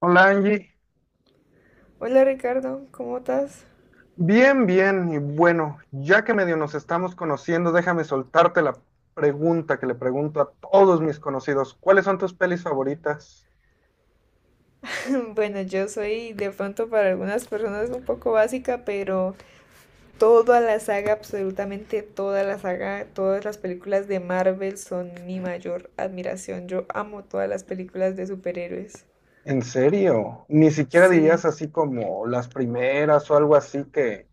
Hola Angie, Hola Ricardo, ¿cómo estás? bien, bien, y bueno, ya que medio nos estamos conociendo, déjame soltarte la pregunta que le pregunto a todos mis conocidos. ¿Cuáles son tus pelis favoritas? Bueno, yo soy de pronto para algunas personas un poco básica, pero toda la saga, absolutamente toda la saga, todas las películas de Marvel son mi mayor admiración. Yo amo todas las películas de superhéroes. ¿En serio? Ni siquiera dirías Sí. así como las primeras o algo así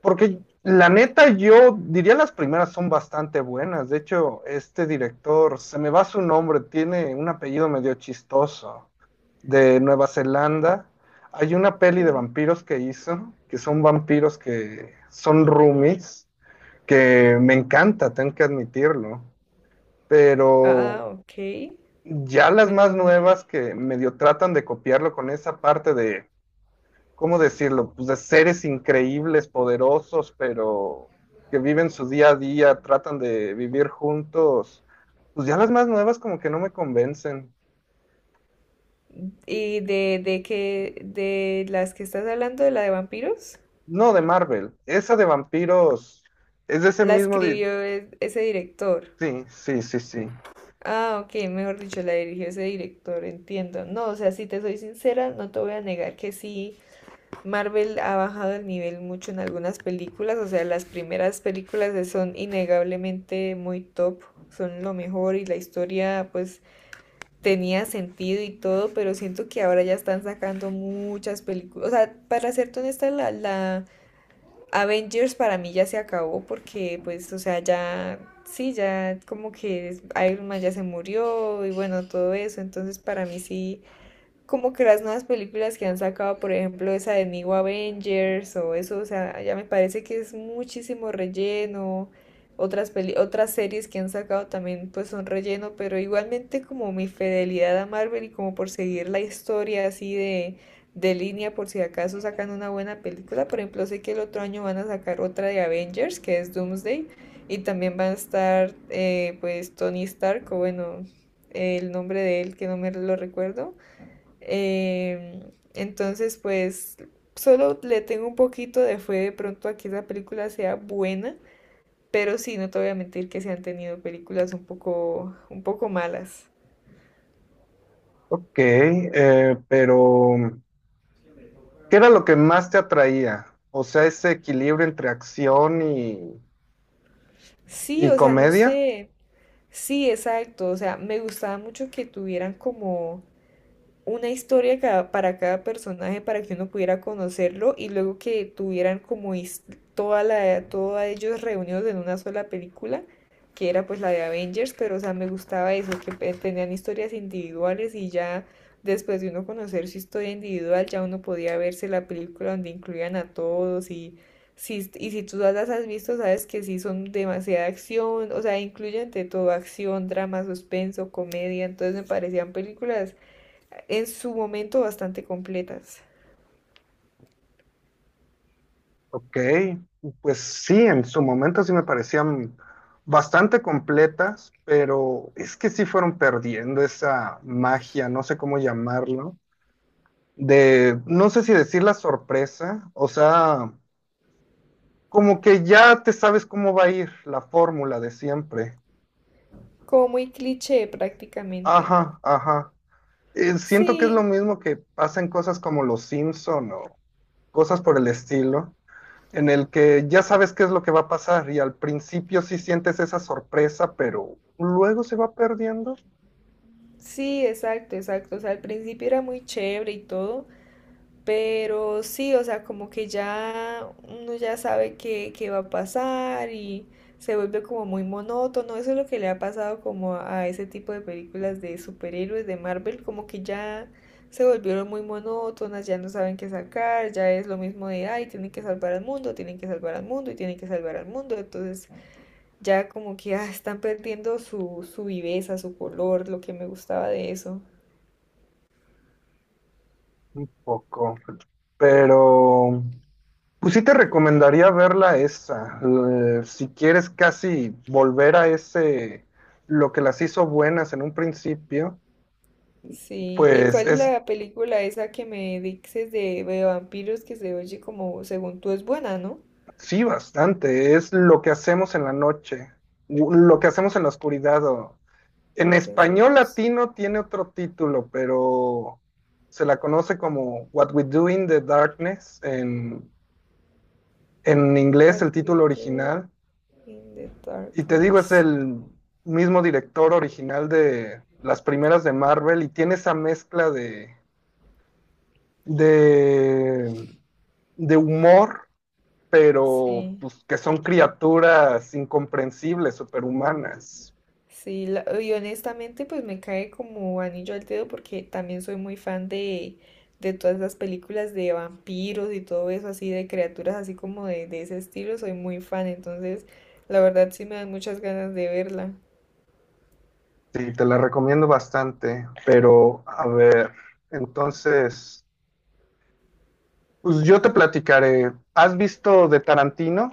porque la neta, yo diría las primeras son bastante buenas. De hecho, este director, se me va su nombre, tiene un apellido medio chistoso, de Nueva Zelanda. Hay una peli de Mm. vampiros que hizo, que son vampiros que son roomies, que me encanta, tengo que admitirlo. Ah, Pero ok. ya las más Bueno, nuevas que medio tratan de copiarlo con esa parte de ¿cómo decirlo? Pues de seres increíbles, poderosos, pero que viven su día a día, tratan de vivir juntos. Pues ya las más nuevas como que no me convencen. ¿y de qué, de las que estás hablando, de la de vampiros? No, de Marvel. Esa de vampiros es de ese La mismo... escribió ese director. Sí, sí, sí, sí. Ah, ok, mejor dicho, la dirigió ese director, entiendo. No, o sea, si te soy sincera, no te voy a negar que sí, Marvel ha bajado el nivel mucho en algunas películas, o sea, las primeras películas de- son innegablemente muy top, son lo mejor y la historia pues tenía sentido y todo, pero siento que ahora ya están sacando muchas películas, o sea, para serte honesta, la Avengers para mí ya se acabó porque, pues, o sea, ya, sí, ya como que Iron Man ya se murió y bueno, todo eso. Entonces, para mí sí, como que las nuevas películas que han sacado, por ejemplo, esa de New Avengers o eso, o sea, ya me parece que es muchísimo relleno. Otras peli- otras series que han sacado también pues son relleno, pero igualmente como mi fidelidad a Marvel y como por seguir la historia así de línea por si acaso sacan una buena película. Por ejemplo, sé que el otro año van a sacar otra de Avengers, que es Doomsday, y también va a estar pues Tony Stark, o bueno, el nombre de él que no me lo recuerdo eh, entonces, pues solo le tengo un poquito de fe de pronto a que esa película sea buena, pero sí, no te voy a mentir que se han tenido películas un poco malas. Ok, pero ¿qué era lo que más te atraía? O sea, ese equilibrio entre acción Sí, y o sea, no comedia. sé. Sí, exacto. O sea, me gustaba mucho que tuvieran como una historia cada- para cada personaje para que uno pudiera conocerlo y luego que tuvieran como his- toda la, todos ellos reunidos en una sola película, que era pues la de Avengers, pero o sea, me gustaba eso, que pe- tenían historias individuales y ya después de uno conocer su historia individual, ya uno podía verse la película donde incluían a todos y si tú las has visto, sabes que sí son demasiada acción, o sea, incluyen de todo acción, drama, suspenso, comedia, entonces me parecían películas en su momento bastante completas. Ok, pues sí, en su momento sí me parecían bastante completas, pero es que sí fueron perdiendo esa magia, no sé cómo llamarlo, de, no sé si decir la sorpresa, o sea, como que ya te sabes cómo va a ir la fórmula de siempre. Como muy cliché prácticamente. Ajá, ajá. Siento que es lo Sí, mismo que pasa en cosas como Los Simpson o cosas por el estilo en el que ya sabes qué es lo que va a pasar y al principio sí sientes esa sorpresa, pero luego se va perdiendo un sí, exacto, exacto. O sea, al principio era muy chévere y todo. Pero sí, o sea, como que ya uno ya sabe qué, qué va a pasar y se vuelve como muy monótono. Eso es lo que le ha pasado como a ese tipo de películas de superhéroes de Marvel, como que ya se volvieron muy monótonas, ya no saben qué sacar, ya es lo mismo de, ay, tienen que salvar al mundo, tienen que salvar al mundo y tienen que salvar al mundo. Entonces ya como que ah, están perdiendo su, su viveza, su color, lo que me gustaba de eso. poco. Pero pues sí te recomendaría verla esa, si quieres casi volver a ese, lo que las hizo buenas en un principio, Sí, ¿y pues cuál es es, la película esa que me dices de vampiros que se oye como, según tú, es buena, ¿no? sí, bastante, es lo que hacemos en la noche, lo que hacemos en la oscuridad o en Lo que español hacemos, latino tiene otro título, pero se la conoce como What We Do in the Darkness en inglés, What el We título Do original. in the Y te digo, es Darkness. el mismo director original de las primeras de Marvel y tiene esa mezcla de, de humor, pero Sí, pues, que son criaturas incomprensibles, superhumanas. sí, la- y honestamente pues me cae como anillo al dedo porque también soy muy fan de todas las películas de vampiros y todo eso así, de criaturas así como de ese estilo, soy muy fan, entonces la verdad sí me dan muchas ganas de verla. Sí, te la recomiendo bastante, pero a ver, entonces... Pues yo te platicaré. ¿Has visto de Tarantino?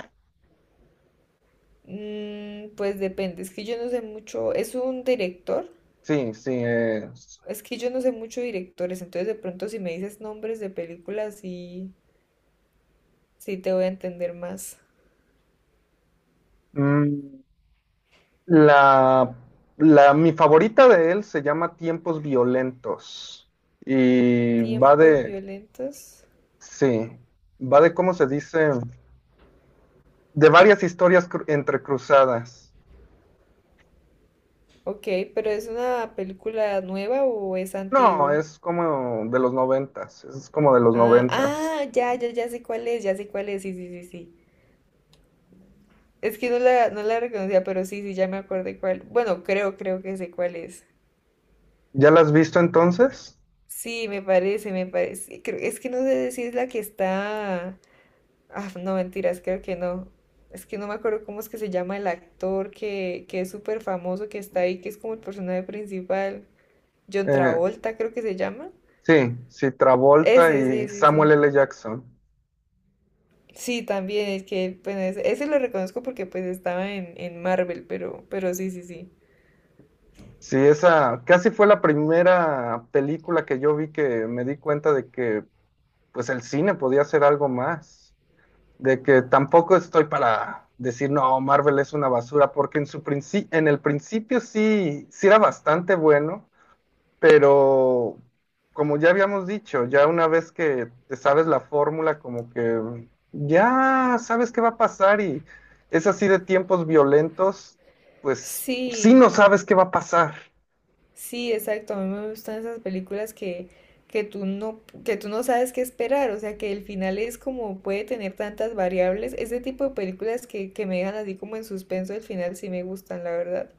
Mm, pues depende, es que yo no sé mucho, es un director, Sí, sí. Es que yo no sé mucho de directores, entonces de pronto si me dices nombres de películas sí, sí te voy a entender más. mm, la, mi favorita de él se llama Tiempos Violentos. Y va Tiempos de, violentos. sí, va de, ¿cómo se dice? De varias historias entrecruzadas. Ok, pero ¿es una película nueva o es No, antigua? es como de los noventas. Es como de los Ah, noventas. ah, ya, ya, ya sé cuál es, ya sé cuál es, sí, sí, sí, sí. Es que no la, no la reconocía, pero sí, sí, ya me acordé cuál. Bueno, creo, creo que sé cuál es. ¿Ya la has visto entonces? Sí, me parece, me parece. Creo, es que no sé si es la que está. Ah, no, mentiras, creo que no. Es que no me acuerdo cómo es que se llama el actor que es súper famoso, que está ahí, que es como el personaje principal. John Eh, Travolta, creo que se llama. sí, sí, Travolta Ese, y sí, sí, Samuel sí. L. Jackson. Sí, también, es que, bueno, ese lo reconozco porque pues estaba en Marvel, pero sí, sí, sí. Sí, esa casi fue la primera película que yo vi que me di cuenta de que pues el cine podía hacer algo más, de que tampoco estoy para decir no, Marvel es una basura, porque en su en el principio sí era bastante bueno, pero como ya habíamos dicho, ya una vez que te sabes la fórmula como que ya sabes qué va a pasar y es así de Tiempos Violentos, pues sí Sí, no sabes qué va a pasar. sí, exacto. A mí me gustan esas películas que, que tú no sabes qué esperar. O sea, que el final es como puede tener tantas variables. Ese tipo de películas que me dejan así como en suspenso el final sí me gustan, la verdad.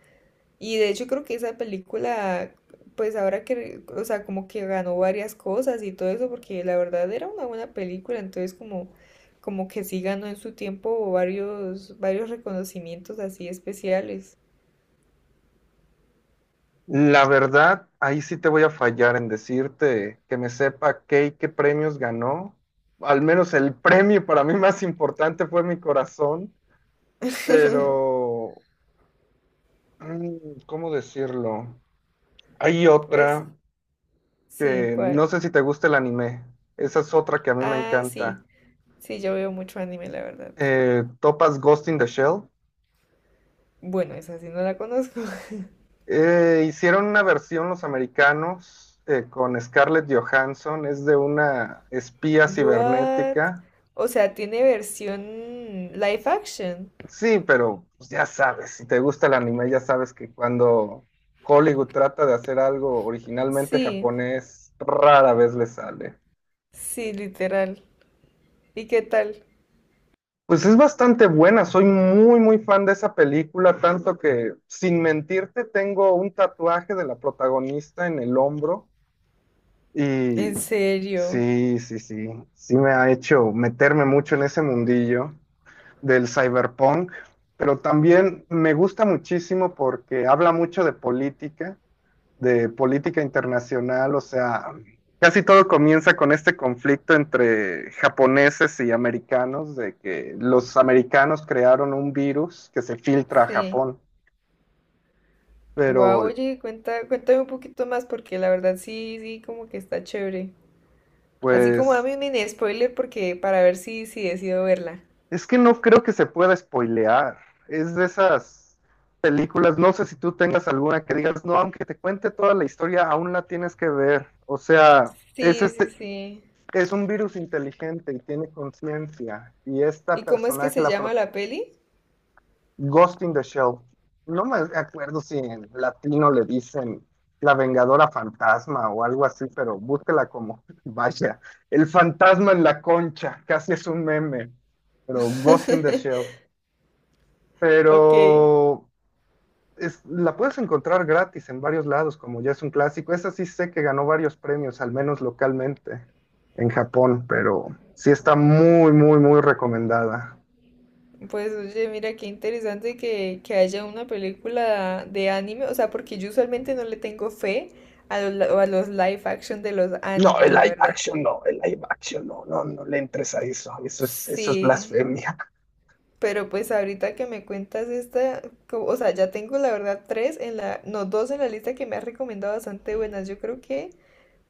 Y de hecho creo que esa película, pues ahora que, re- o sea, como que ganó varias cosas y todo eso, porque la verdad era una buena película. Entonces como, como que sí ganó en su tiempo varios, varios reconocimientos así especiales. La verdad, ahí sí te voy a fallar en decirte que me sepa qué y qué premios ganó. Al menos el premio para mí más importante fue mi corazón, pero ¿cómo decirlo? Hay Pues otra sí, que no ¿cuál? sé si te gusta el anime. Esa es otra que a mí me Ah, sí. encanta. Sí, yo veo mucho anime, la verdad. ¿Topas Ghost in the Shell? Bueno, esa sí no la conozco. Hicieron una versión los americanos con Scarlett Johansson. Es de una espía What? cibernética. O sea, tiene versión live action. Sí, pero pues, ya sabes, si te gusta el anime, ya sabes que cuando Hollywood trata de hacer algo originalmente Sí, japonés, rara vez le sale. sí, literal. ¿Y qué tal? Pues es bastante buena, soy muy, muy fan de esa película, tanto que, sin mentirte, tengo un tatuaje de la protagonista en el hombro y ¿En serio? sí, sí, sí, sí me ha hecho meterme mucho en ese mundillo del cyberpunk, pero también me gusta muchísimo porque habla mucho de política, de política internacional, o sea, casi todo comienza con este conflicto entre japoneses y americanos, de que los americanos crearon un virus que se filtra a Sí. Japón, Wow, pero oye, cuenta, cuéntame un poquito más porque la verdad sí, sí, como que está chévere. Así como pues dame un mini spoiler porque para ver si, si decido verla. es que no creo que se pueda spoilear, es de esas películas, no sé si tú tengas alguna que digas, no, aunque te cuente toda la historia, aún la tienes que ver, o sea, es Sí, sí, este, sí. es un virus inteligente y tiene conciencia. Y esta ¿Y cómo es que personaje, se la, llama la peli? Ghost in the Shell. No me acuerdo si en latino le dicen la Vengadora Fantasma o algo así, pero búsquela como, vaya, el fantasma en la concha, casi es un meme, pero Ghost in the Shell. Ok. Pero la puedes encontrar gratis en varios lados, como ya es un clásico. Esa sí sé que ganó varios premios, al menos localmente en Japón, pero sí está muy, muy, muy recomendada. Pues oye, mira qué interesante que haya una película de anime, o sea, porque yo usualmente no le tengo fe a los, li- a los live action de los No, animes, el la live verdad. action no, el live action no, no, no le entres a eso, eso es Sí, blasfemia. pero pues ahorita que me cuentas esta, co- o sea, ya tengo la verdad tres en la, no, dos en la lista que me has recomendado bastante buenas. Yo creo que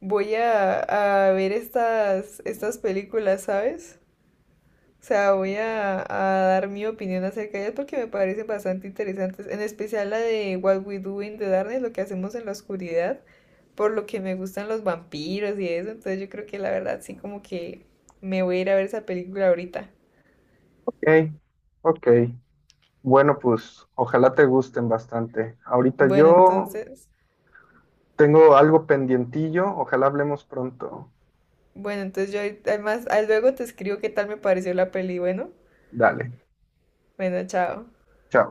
voy a ver estas, estas películas, ¿sabes? O sea, voy a dar mi opinión acerca de ellas porque me parecen bastante interesantes, en especial la de What We Do in the Darkness, lo que hacemos en la oscuridad, por lo que me gustan los vampiros y eso, entonces yo creo que la verdad sí como que me voy a ir a ver esa película ahorita. Ok, ok. Bueno, pues ojalá te gusten bastante. Ahorita Bueno, yo entonces, tengo algo pendientillo, ojalá hablemos pronto. bueno, entonces yo ahorita- además, ah, luego te escribo qué tal me pareció la peli, bueno, Dale, bueno, chao. chao.